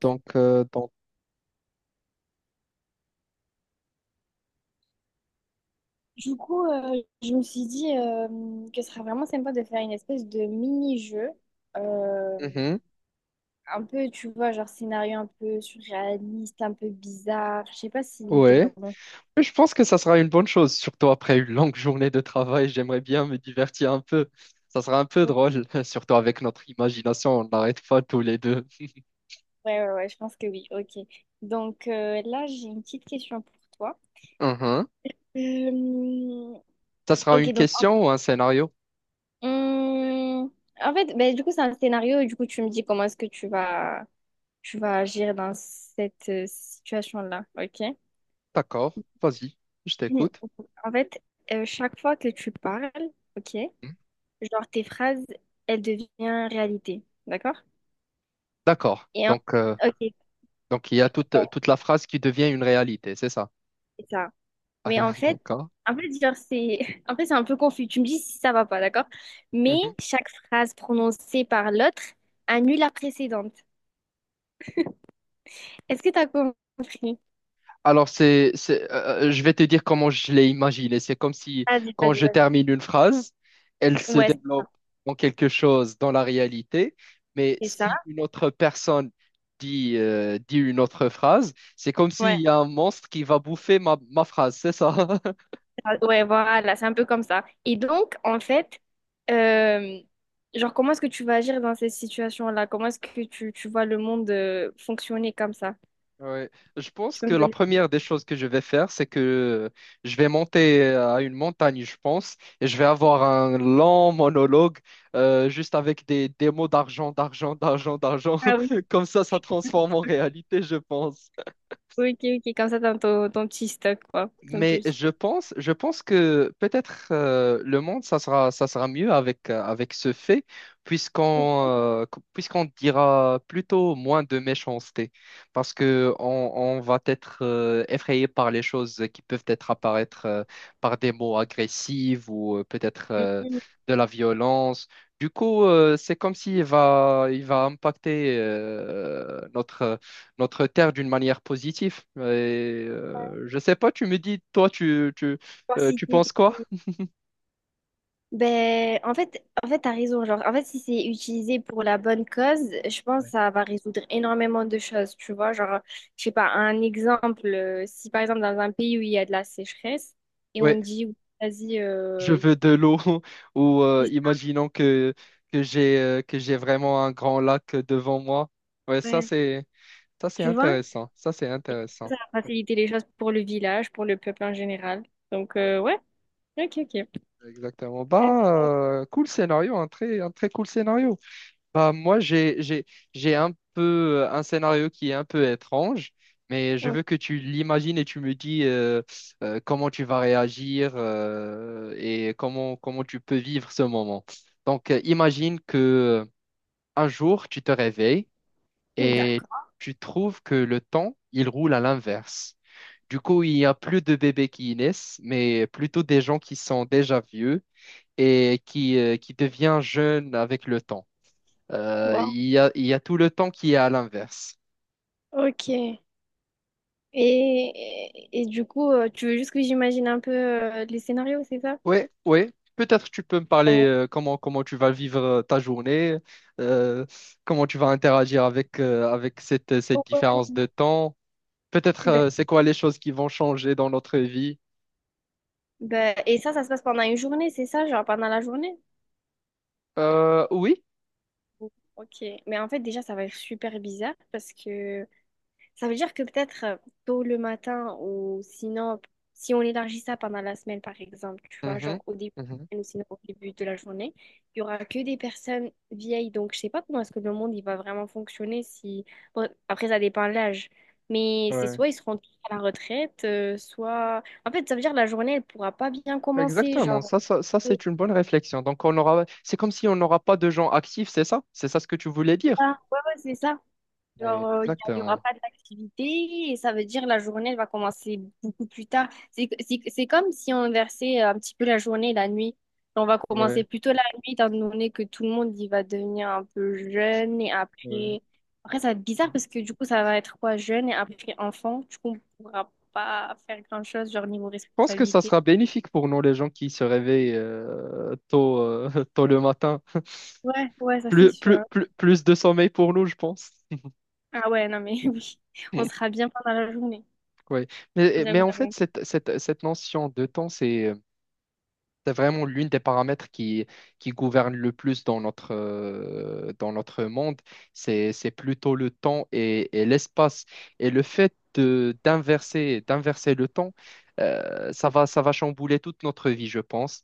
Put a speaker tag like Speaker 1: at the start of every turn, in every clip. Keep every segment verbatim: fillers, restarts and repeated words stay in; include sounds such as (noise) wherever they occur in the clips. Speaker 1: Donc, euh, donc
Speaker 2: Du coup, euh, je me suis dit euh, que ce serait vraiment sympa de faire une espèce de mini-jeu, euh,
Speaker 1: mhm,
Speaker 2: un peu, tu vois, genre scénario un peu surréaliste, un peu bizarre. Je sais pas si t'es
Speaker 1: ouais.
Speaker 2: vraiment
Speaker 1: Mais je pense que ça sera une bonne chose, surtout après une longue journée de travail. J'aimerais bien me divertir un peu. Ça sera un peu
Speaker 2: chaud.
Speaker 1: drôle, (laughs) surtout avec notre imagination. On n'arrête pas tous les deux.
Speaker 2: Ouais, ouais, ouais, je pense que oui. Ok. Donc euh, là, j'ai une petite question pour toi.
Speaker 1: Mhm.
Speaker 2: Euh,
Speaker 1: Ça sera
Speaker 2: ok,
Speaker 1: une
Speaker 2: donc en,
Speaker 1: question ou un scénario?
Speaker 2: hum, en fait, ben, du coup, c'est un scénario. Du coup, tu me dis comment est-ce que tu vas, tu vas agir dans cette euh, situation-là. Ok.
Speaker 1: D'accord, vas-y, je
Speaker 2: (clears throat) Hmm.
Speaker 1: t'écoute.
Speaker 2: En fait, euh, chaque fois que tu parles, ok,
Speaker 1: Mhm.
Speaker 2: genre tes phrases, elles deviennent réalité, d'accord?
Speaker 1: D'accord.
Speaker 2: Et en-
Speaker 1: Donc, euh,
Speaker 2: ok, ouais,
Speaker 1: donc, il y a toute, toute la phrase qui devient une réalité, c'est ça?
Speaker 2: c'est ça. Mais en fait,
Speaker 1: (laughs) Ah,
Speaker 2: en fait, genre c'est, (laughs) en fait, c'est un peu confus. Tu me dis si ça va pas, d'accord? Mais
Speaker 1: d'accord.
Speaker 2: chaque phrase prononcée par l'autre annule la précédente. Est-ce que t'as compris?
Speaker 1: Alors, c'est, c'est, euh, euh, je vais te dire comment je l'ai imaginé. C'est comme si,
Speaker 2: Vas-y,
Speaker 1: quand
Speaker 2: vas-y,
Speaker 1: je
Speaker 2: vas-y.
Speaker 1: termine une phrase, elle se
Speaker 2: Ouais,
Speaker 1: développe en quelque chose dans la réalité. Mais
Speaker 2: c'est ça.
Speaker 1: si une autre personne dit, euh, dit une autre phrase, c'est comme
Speaker 2: Ouais.
Speaker 1: s'il y a un monstre qui va bouffer ma, ma phrase. C'est ça? (laughs)
Speaker 2: Ah, ouais, voilà, c'est un peu comme ça. Et donc, en fait, euh, genre, comment est-ce que tu vas agir dans ces situations-là? Comment est-ce que tu, tu vois le monde euh, fonctionner comme ça?
Speaker 1: Ouais. Je
Speaker 2: Tu
Speaker 1: pense
Speaker 2: peux
Speaker 1: que
Speaker 2: me
Speaker 1: la
Speaker 2: donner...
Speaker 1: première des choses que je vais faire, c'est que je vais monter à une montagne, je pense, et je vais avoir un long monologue euh, juste avec des, des mots d'argent, d'argent, d'argent, d'argent.
Speaker 2: Ah oui,
Speaker 1: (laughs) Comme ça, ça transforme en réalité, je pense.
Speaker 2: ok, ok, comme ça, dans ton, ton petit stock, quoi. Ton
Speaker 1: Mais
Speaker 2: petit...
Speaker 1: je pense, je pense que peut-être euh, le monde, ça sera, ça sera mieux avec, euh, avec ce fait, puisqu'on euh, qu- puisqu'on dira plutôt moins de méchanceté, parce que on, on va être euh, effrayé par les choses qui peuvent être apparaître euh, par des mots agressifs ou euh, peut-être euh,
Speaker 2: Une
Speaker 1: de la violence. Du coup, euh, c'est comme s'il va, il va impacter euh, notre notre terre d'une manière positive. Et, euh, je sais pas, tu me dis, toi, tu, tu, euh, tu
Speaker 2: diversité.
Speaker 1: penses quoi?
Speaker 2: Ben, en fait, en fait, t'as raison. Genre, en fait, si c'est utilisé pour la bonne cause, je pense que
Speaker 1: Ouais.
Speaker 2: ça va résoudre énormément de choses, tu vois. Genre, je sais pas, un exemple, euh, si par exemple dans un pays où il y a de la sécheresse et on
Speaker 1: Ouais,
Speaker 2: dit, vas-y,
Speaker 1: je
Speaker 2: euh, y-
Speaker 1: veux de l'eau (laughs) ou euh, imaginons que, que j'ai euh, que j'ai vraiment un grand lac devant moi. Ouais, ça
Speaker 2: ouais,
Speaker 1: c'est ça c'est
Speaker 2: tu vois,
Speaker 1: intéressant. Ça c'est
Speaker 2: et
Speaker 1: intéressant.
Speaker 2: ça va faciliter les choses pour le village, pour le peuple en général. Donc,
Speaker 1: Ouais,
Speaker 2: euh, ouais, ok, ok.
Speaker 1: exactement.
Speaker 2: Euh,
Speaker 1: Bah, euh, cool scénario, un très, un très cool scénario. Bah, moi, j'ai, j'ai, j'ai un peu euh, un scénario qui est un peu étrange, mais je
Speaker 2: ok,
Speaker 1: veux que tu l'imagines et tu me dis euh, euh, comment tu vas réagir euh, et comment, comment tu peux vivre ce moment. Donc, euh, imagine que euh, un jour, tu te réveilles et
Speaker 2: d'accord.
Speaker 1: tu trouves que le temps, il roule à l'inverse. Du coup, il n'y a plus de bébés qui naissent, mais plutôt des gens qui sont déjà vieux et qui, euh, qui deviennent jeunes avec le temps. Euh,
Speaker 2: Wow.
Speaker 1: il y a, il y a tout le temps qui est à l'inverse.
Speaker 2: Ok. Et, et, et du coup, euh, tu veux juste que j'imagine un peu euh, les scénarios, c'est ça?
Speaker 1: Oui, oui. Peut-être tu peux me parler euh, comment, comment tu vas vivre euh, ta journée, euh, comment tu vas interagir avec, euh, avec cette, cette
Speaker 2: Ouais.
Speaker 1: différence de temps. Peut-être
Speaker 2: Ben-
Speaker 1: euh, c'est quoi les choses qui vont changer dans notre vie.
Speaker 2: ben, et ça, ça se passe pendant une journée, c'est ça, genre pendant la journée?
Speaker 1: Euh, oui.
Speaker 2: Ok, mais en fait déjà ça va être super bizarre parce que ça veut dire que peut-être euh, tôt le matin ou sinon si on élargit ça pendant la semaine par exemple, tu vois,
Speaker 1: Mhm,
Speaker 2: genre au début
Speaker 1: mhm.
Speaker 2: ou sinon au début de la journée, il y aura que des personnes vieilles. Donc je sais pas comment est-ce que le monde il va vraiment fonctionner si bon, après ça dépend de l'âge, mais c'est
Speaker 1: Ouais.
Speaker 2: soit ils seront tous à la retraite, euh, soit en fait ça veut dire que la journée elle pourra pas bien commencer,
Speaker 1: Exactement.
Speaker 2: genre
Speaker 1: Ça, ça, ça, c'est une bonne réflexion. Donc, on aura... c'est comme si on n'aura pas de gens actifs, c'est ça? C'est ça ce que tu voulais dire?
Speaker 2: ça. Ouais, ouais, c'est ça. Genre,
Speaker 1: Ouais,
Speaker 2: euh, il n'y aura
Speaker 1: exactement.
Speaker 2: pas d'activité et ça veut dire la journée elle va commencer beaucoup plus tard. C'est, c'est, c'est comme si on inversait un petit peu la journée et la nuit. On va commencer
Speaker 1: Ouais,
Speaker 2: plutôt la nuit, étant donné que tout le monde il va devenir un peu jeune et
Speaker 1: ouais.
Speaker 2: après. Après, ça va être bizarre parce que du coup, ça va être quoi, jeune et après enfant. Du coup, on pourra pas faire grand-chose, genre niveau
Speaker 1: Pense que ça
Speaker 2: responsabilité.
Speaker 1: sera bénéfique pour nous, les gens qui se réveillent euh, tôt, euh, (laughs) tôt le matin.
Speaker 2: Ouais, ouais, ça c'est
Speaker 1: Plus, plus,
Speaker 2: sûr.
Speaker 1: plus, plus de sommeil pour nous, je pense.
Speaker 2: Ah ouais, non mais (laughs) oui, on
Speaker 1: (laughs)
Speaker 2: sera bien pendant la journée.
Speaker 1: Oui. Mais, mais
Speaker 2: J'avoue,
Speaker 1: en fait,
Speaker 2: j'avoue.
Speaker 1: cette, cette, cette notion de temps, c'est euh, c'est vraiment l'une des paramètres qui, qui gouverne le plus dans notre, euh, dans notre monde. C'est, c'est plutôt le temps et, et l'espace. Et le fait de, d'inverser, d'inverser le temps, euh, ça va, ça va chambouler toute notre vie, je pense.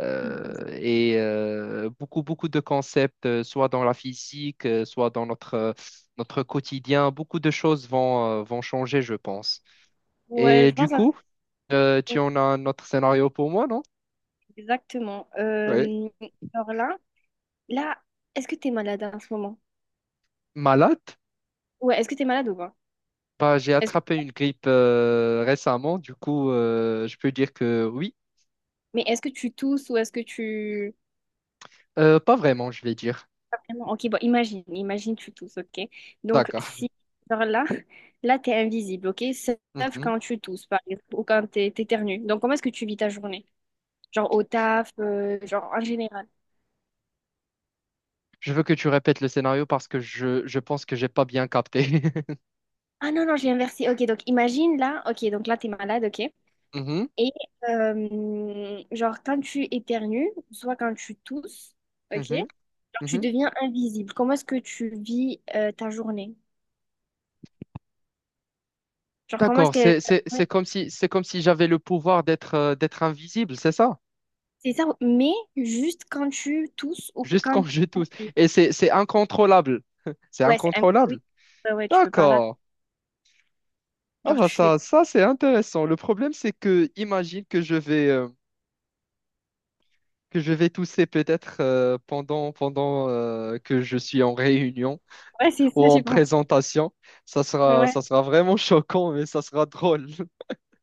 Speaker 1: Euh, et euh, beaucoup, beaucoup de concepts, euh, soit dans la physique, euh, soit dans notre, euh, notre quotidien, beaucoup de choses vont, euh, vont changer, je pense.
Speaker 2: Ouais,
Speaker 1: Et
Speaker 2: je
Speaker 1: du
Speaker 2: pense.
Speaker 1: coup, euh, tu en as un autre scénario pour moi, non?
Speaker 2: Exactement.
Speaker 1: Oui.
Speaker 2: Euh, alors là, là, est-ce que tu es malade en ce moment?
Speaker 1: Malade?
Speaker 2: Ouais, est-ce que tu es malade ou pas?
Speaker 1: Bah, j'ai
Speaker 2: Est-ce que-
Speaker 1: attrapé une grippe euh, récemment, du coup, euh, je peux dire que oui.
Speaker 2: mais est-ce que tu tousses ou est-ce que tu...
Speaker 1: Euh, pas vraiment, je vais dire.
Speaker 2: Pas vraiment. Ok, bon, imagine, imagine tu tousses, ok? Donc,
Speaker 1: D'accord.
Speaker 2: si, genre là, là, tu es invisible, ok? Sauf
Speaker 1: Mhm.
Speaker 2: quand tu tousses, par exemple, ou quand tu t'éternues. Donc, comment est-ce que tu vis ta journée? Genre au taf, euh, genre en général.
Speaker 1: Je veux que tu répètes le scénario parce que je, je pense que j'ai pas bien capté. (laughs)
Speaker 2: Ah non, non, j'ai inversé. Ok, donc imagine là, ok, donc là, tu es malade, ok?
Speaker 1: Mhm,
Speaker 2: Et euh, genre, quand tu éternues, soit quand tu tousses, ok, genre,
Speaker 1: mhm,
Speaker 2: tu
Speaker 1: mhm.
Speaker 2: deviens invisible. Comment est-ce que tu vis euh, ta journée? Genre, comment est-ce
Speaker 1: D'accord,
Speaker 2: que...
Speaker 1: c'est, c'est, c'est comme si, c'est comme si j'avais le pouvoir d'être euh, d'être invisible, c'est ça?
Speaker 2: C'est ça, mais juste quand tu tousses ou
Speaker 1: Juste quand
Speaker 2: quand tu
Speaker 1: je tousse.
Speaker 2: éternues.
Speaker 1: Et c'est, c'est incontrôlable. (laughs) C'est
Speaker 2: Ouais, c'est... un- Oui,
Speaker 1: incontrôlable.
Speaker 2: ouais, ouais, tu peux pas là.
Speaker 1: D'accord. Ah
Speaker 2: Genre,
Speaker 1: bah
Speaker 2: tu fais
Speaker 1: ça,
Speaker 2: quoi?
Speaker 1: ça c'est intéressant. Le problème, c'est que imagine que je vais... euh, que je vais tousser peut-être euh, pendant, pendant euh, que je suis en réunion
Speaker 2: Ouais, c'est
Speaker 1: ou
Speaker 2: ça,
Speaker 1: en
Speaker 2: j'ai pas...
Speaker 1: présentation. Ça sera,
Speaker 2: Ouais.
Speaker 1: ça sera vraiment (laughs) choquant, mais ça sera drôle.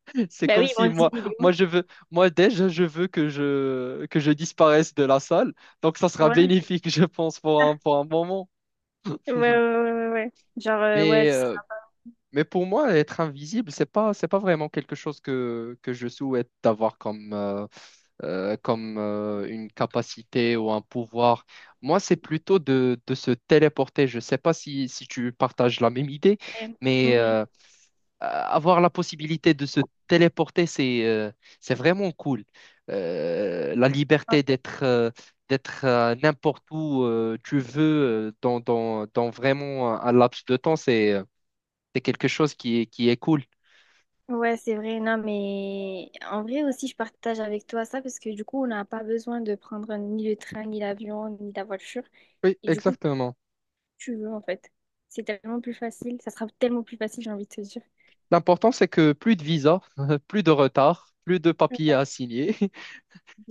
Speaker 1: (laughs) C'est
Speaker 2: Bah
Speaker 1: comme
Speaker 2: oui, mon
Speaker 1: si
Speaker 2: Dieu,
Speaker 1: moi,
Speaker 2: il est où?
Speaker 1: moi, je veux, moi déjà, je veux que je, que je disparaisse de la salle. Donc, ça sera
Speaker 2: Ouais,
Speaker 1: bénéfique, (laughs) je pense, pour un, pour un moment.
Speaker 2: ouais, ouais,
Speaker 1: (laughs)
Speaker 2: ouais, ouais, ouais, ouais. Genre, euh, ouais,
Speaker 1: Mais,
Speaker 2: tu seras...
Speaker 1: euh, mais pour moi, être invisible, c'est pas, c'est pas vraiment quelque chose que, que je souhaite avoir comme, euh, euh, comme euh, une capacité ou un pouvoir. Moi, c'est plutôt de, de se téléporter. Je ne sais pas si, si tu partages la même idée, mais
Speaker 2: Mhm. Ouais.
Speaker 1: euh, avoir la possibilité de se téléporter, c'est euh, c'est vraiment cool. Euh, la liberté d'être euh, d'être euh, n'importe où euh, tu veux euh, dans, dans, dans vraiment un laps de temps, c'est euh, c'est quelque chose qui est, qui est cool.
Speaker 2: Ouais, c'est vrai, non, mais en vrai aussi, je partage avec toi ça parce que du coup, on n'a pas besoin de prendre ni le train, ni l'avion, ni la voiture.
Speaker 1: Oui,
Speaker 2: Et du coup,
Speaker 1: exactement.
Speaker 2: tu veux en fait. C'est tellement plus facile, ça sera tellement plus facile, j'ai envie de te dire.
Speaker 1: L'important, c'est que plus de visa, (laughs) plus de retard, plus de papiers
Speaker 2: Ouais,
Speaker 1: à signer. (laughs)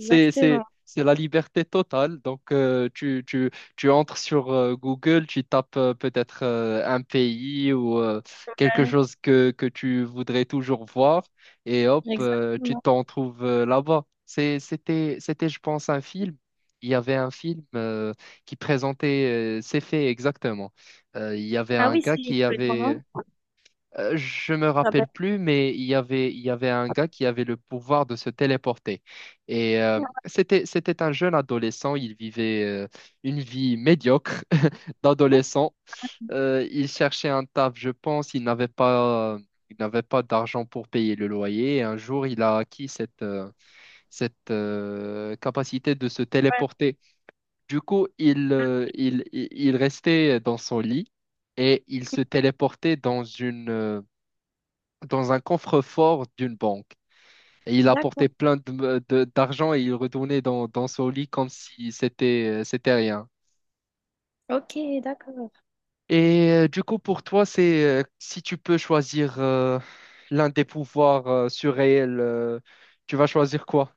Speaker 1: C'est, c'est, c'est la liberté totale. Donc, euh, tu, tu, tu entres sur euh, Google, tu tapes euh, peut-être euh, un pays ou euh, quelque
Speaker 2: ouais,
Speaker 1: chose que, que tu voudrais toujours voir et hop, euh, tu
Speaker 2: exactement.
Speaker 1: t'en trouves euh, là-bas. C'est- C'était, c'était, je pense, un film. Il y avait un film euh, qui présentait euh, ces faits exactement. Euh, il y avait
Speaker 2: Ah
Speaker 1: un
Speaker 2: oui,
Speaker 1: gars
Speaker 2: c'est
Speaker 1: qui
Speaker 2: comment?
Speaker 1: avait euh, Je me
Speaker 2: Ah
Speaker 1: rappelle
Speaker 2: ben,
Speaker 1: plus, mais il y avait, il y avait un gars qui avait le pouvoir de se téléporter. Et euh,
Speaker 2: ouais,
Speaker 1: c'était, c'était un jeune adolescent. Il vivait euh, une vie médiocre (laughs) d'adolescent. Euh, il cherchait un taf, je pense. Il n'avait pas, il n'avait pas d'argent pour payer le loyer. Et un jour, il a acquis cette, euh, cette euh, capacité de se téléporter. Du coup, il, euh, il, il il restait dans son lit et il se téléportait dans une euh, dans un coffre-fort d'une banque. Et il
Speaker 2: d'accord.
Speaker 1: apportait plein de- de- d'argent et il retournait dans, dans son lit comme si c'était, euh, c'était rien.
Speaker 2: Ok, d'accord.
Speaker 1: Et euh, du coup, pour toi, c'est euh, si tu peux choisir euh, l'un des pouvoirs euh, surréels, euh, tu vas choisir quoi?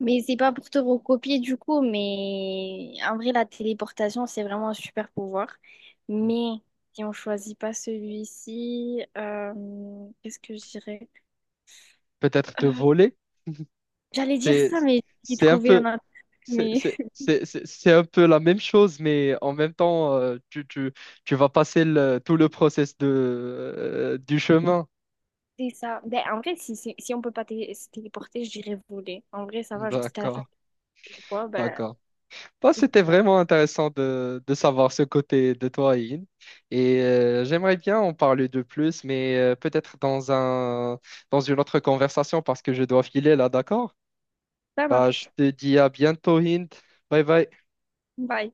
Speaker 2: Mais c'est pas pour te recopier du coup, mais en vrai, la téléportation, c'est vraiment un super pouvoir. Mais si on choisit pas celui-ci, euh, qu'est-ce que je dirais?
Speaker 1: Peut-être te
Speaker 2: Euh,
Speaker 1: voler?
Speaker 2: j'allais dire
Speaker 1: C'est,
Speaker 2: ça, mais j'ai
Speaker 1: c'est un
Speaker 2: trouvé
Speaker 1: peu,
Speaker 2: un autre.
Speaker 1: c'est,
Speaker 2: Mais
Speaker 1: c'est, c'est, c'est c'est un peu la même chose, mais en même temps, euh, tu, tu, tu vas passer le- tout le process de, euh, du chemin.
Speaker 2: (laughs) c'est ça. Ben, en vrai, si, si, si on peut pas télé- se téléporter, je dirais voler. En vrai, ça va, genre, si t'as la fin
Speaker 1: D'accord,
Speaker 2: du quoi, ben,
Speaker 1: d'accord. Bah,
Speaker 2: je fais
Speaker 1: c'était
Speaker 2: ça.
Speaker 1: vraiment intéressant de, de savoir ce côté de toi, Ian. Et euh, j'aimerais bien en parler de plus, mais euh, peut-être dans un, dans une autre conversation parce que je dois filer là, d'accord?
Speaker 2: Ça
Speaker 1: Bah, je
Speaker 2: marche.
Speaker 1: te dis à bientôt, Ian. Bye bye.
Speaker 2: Bye.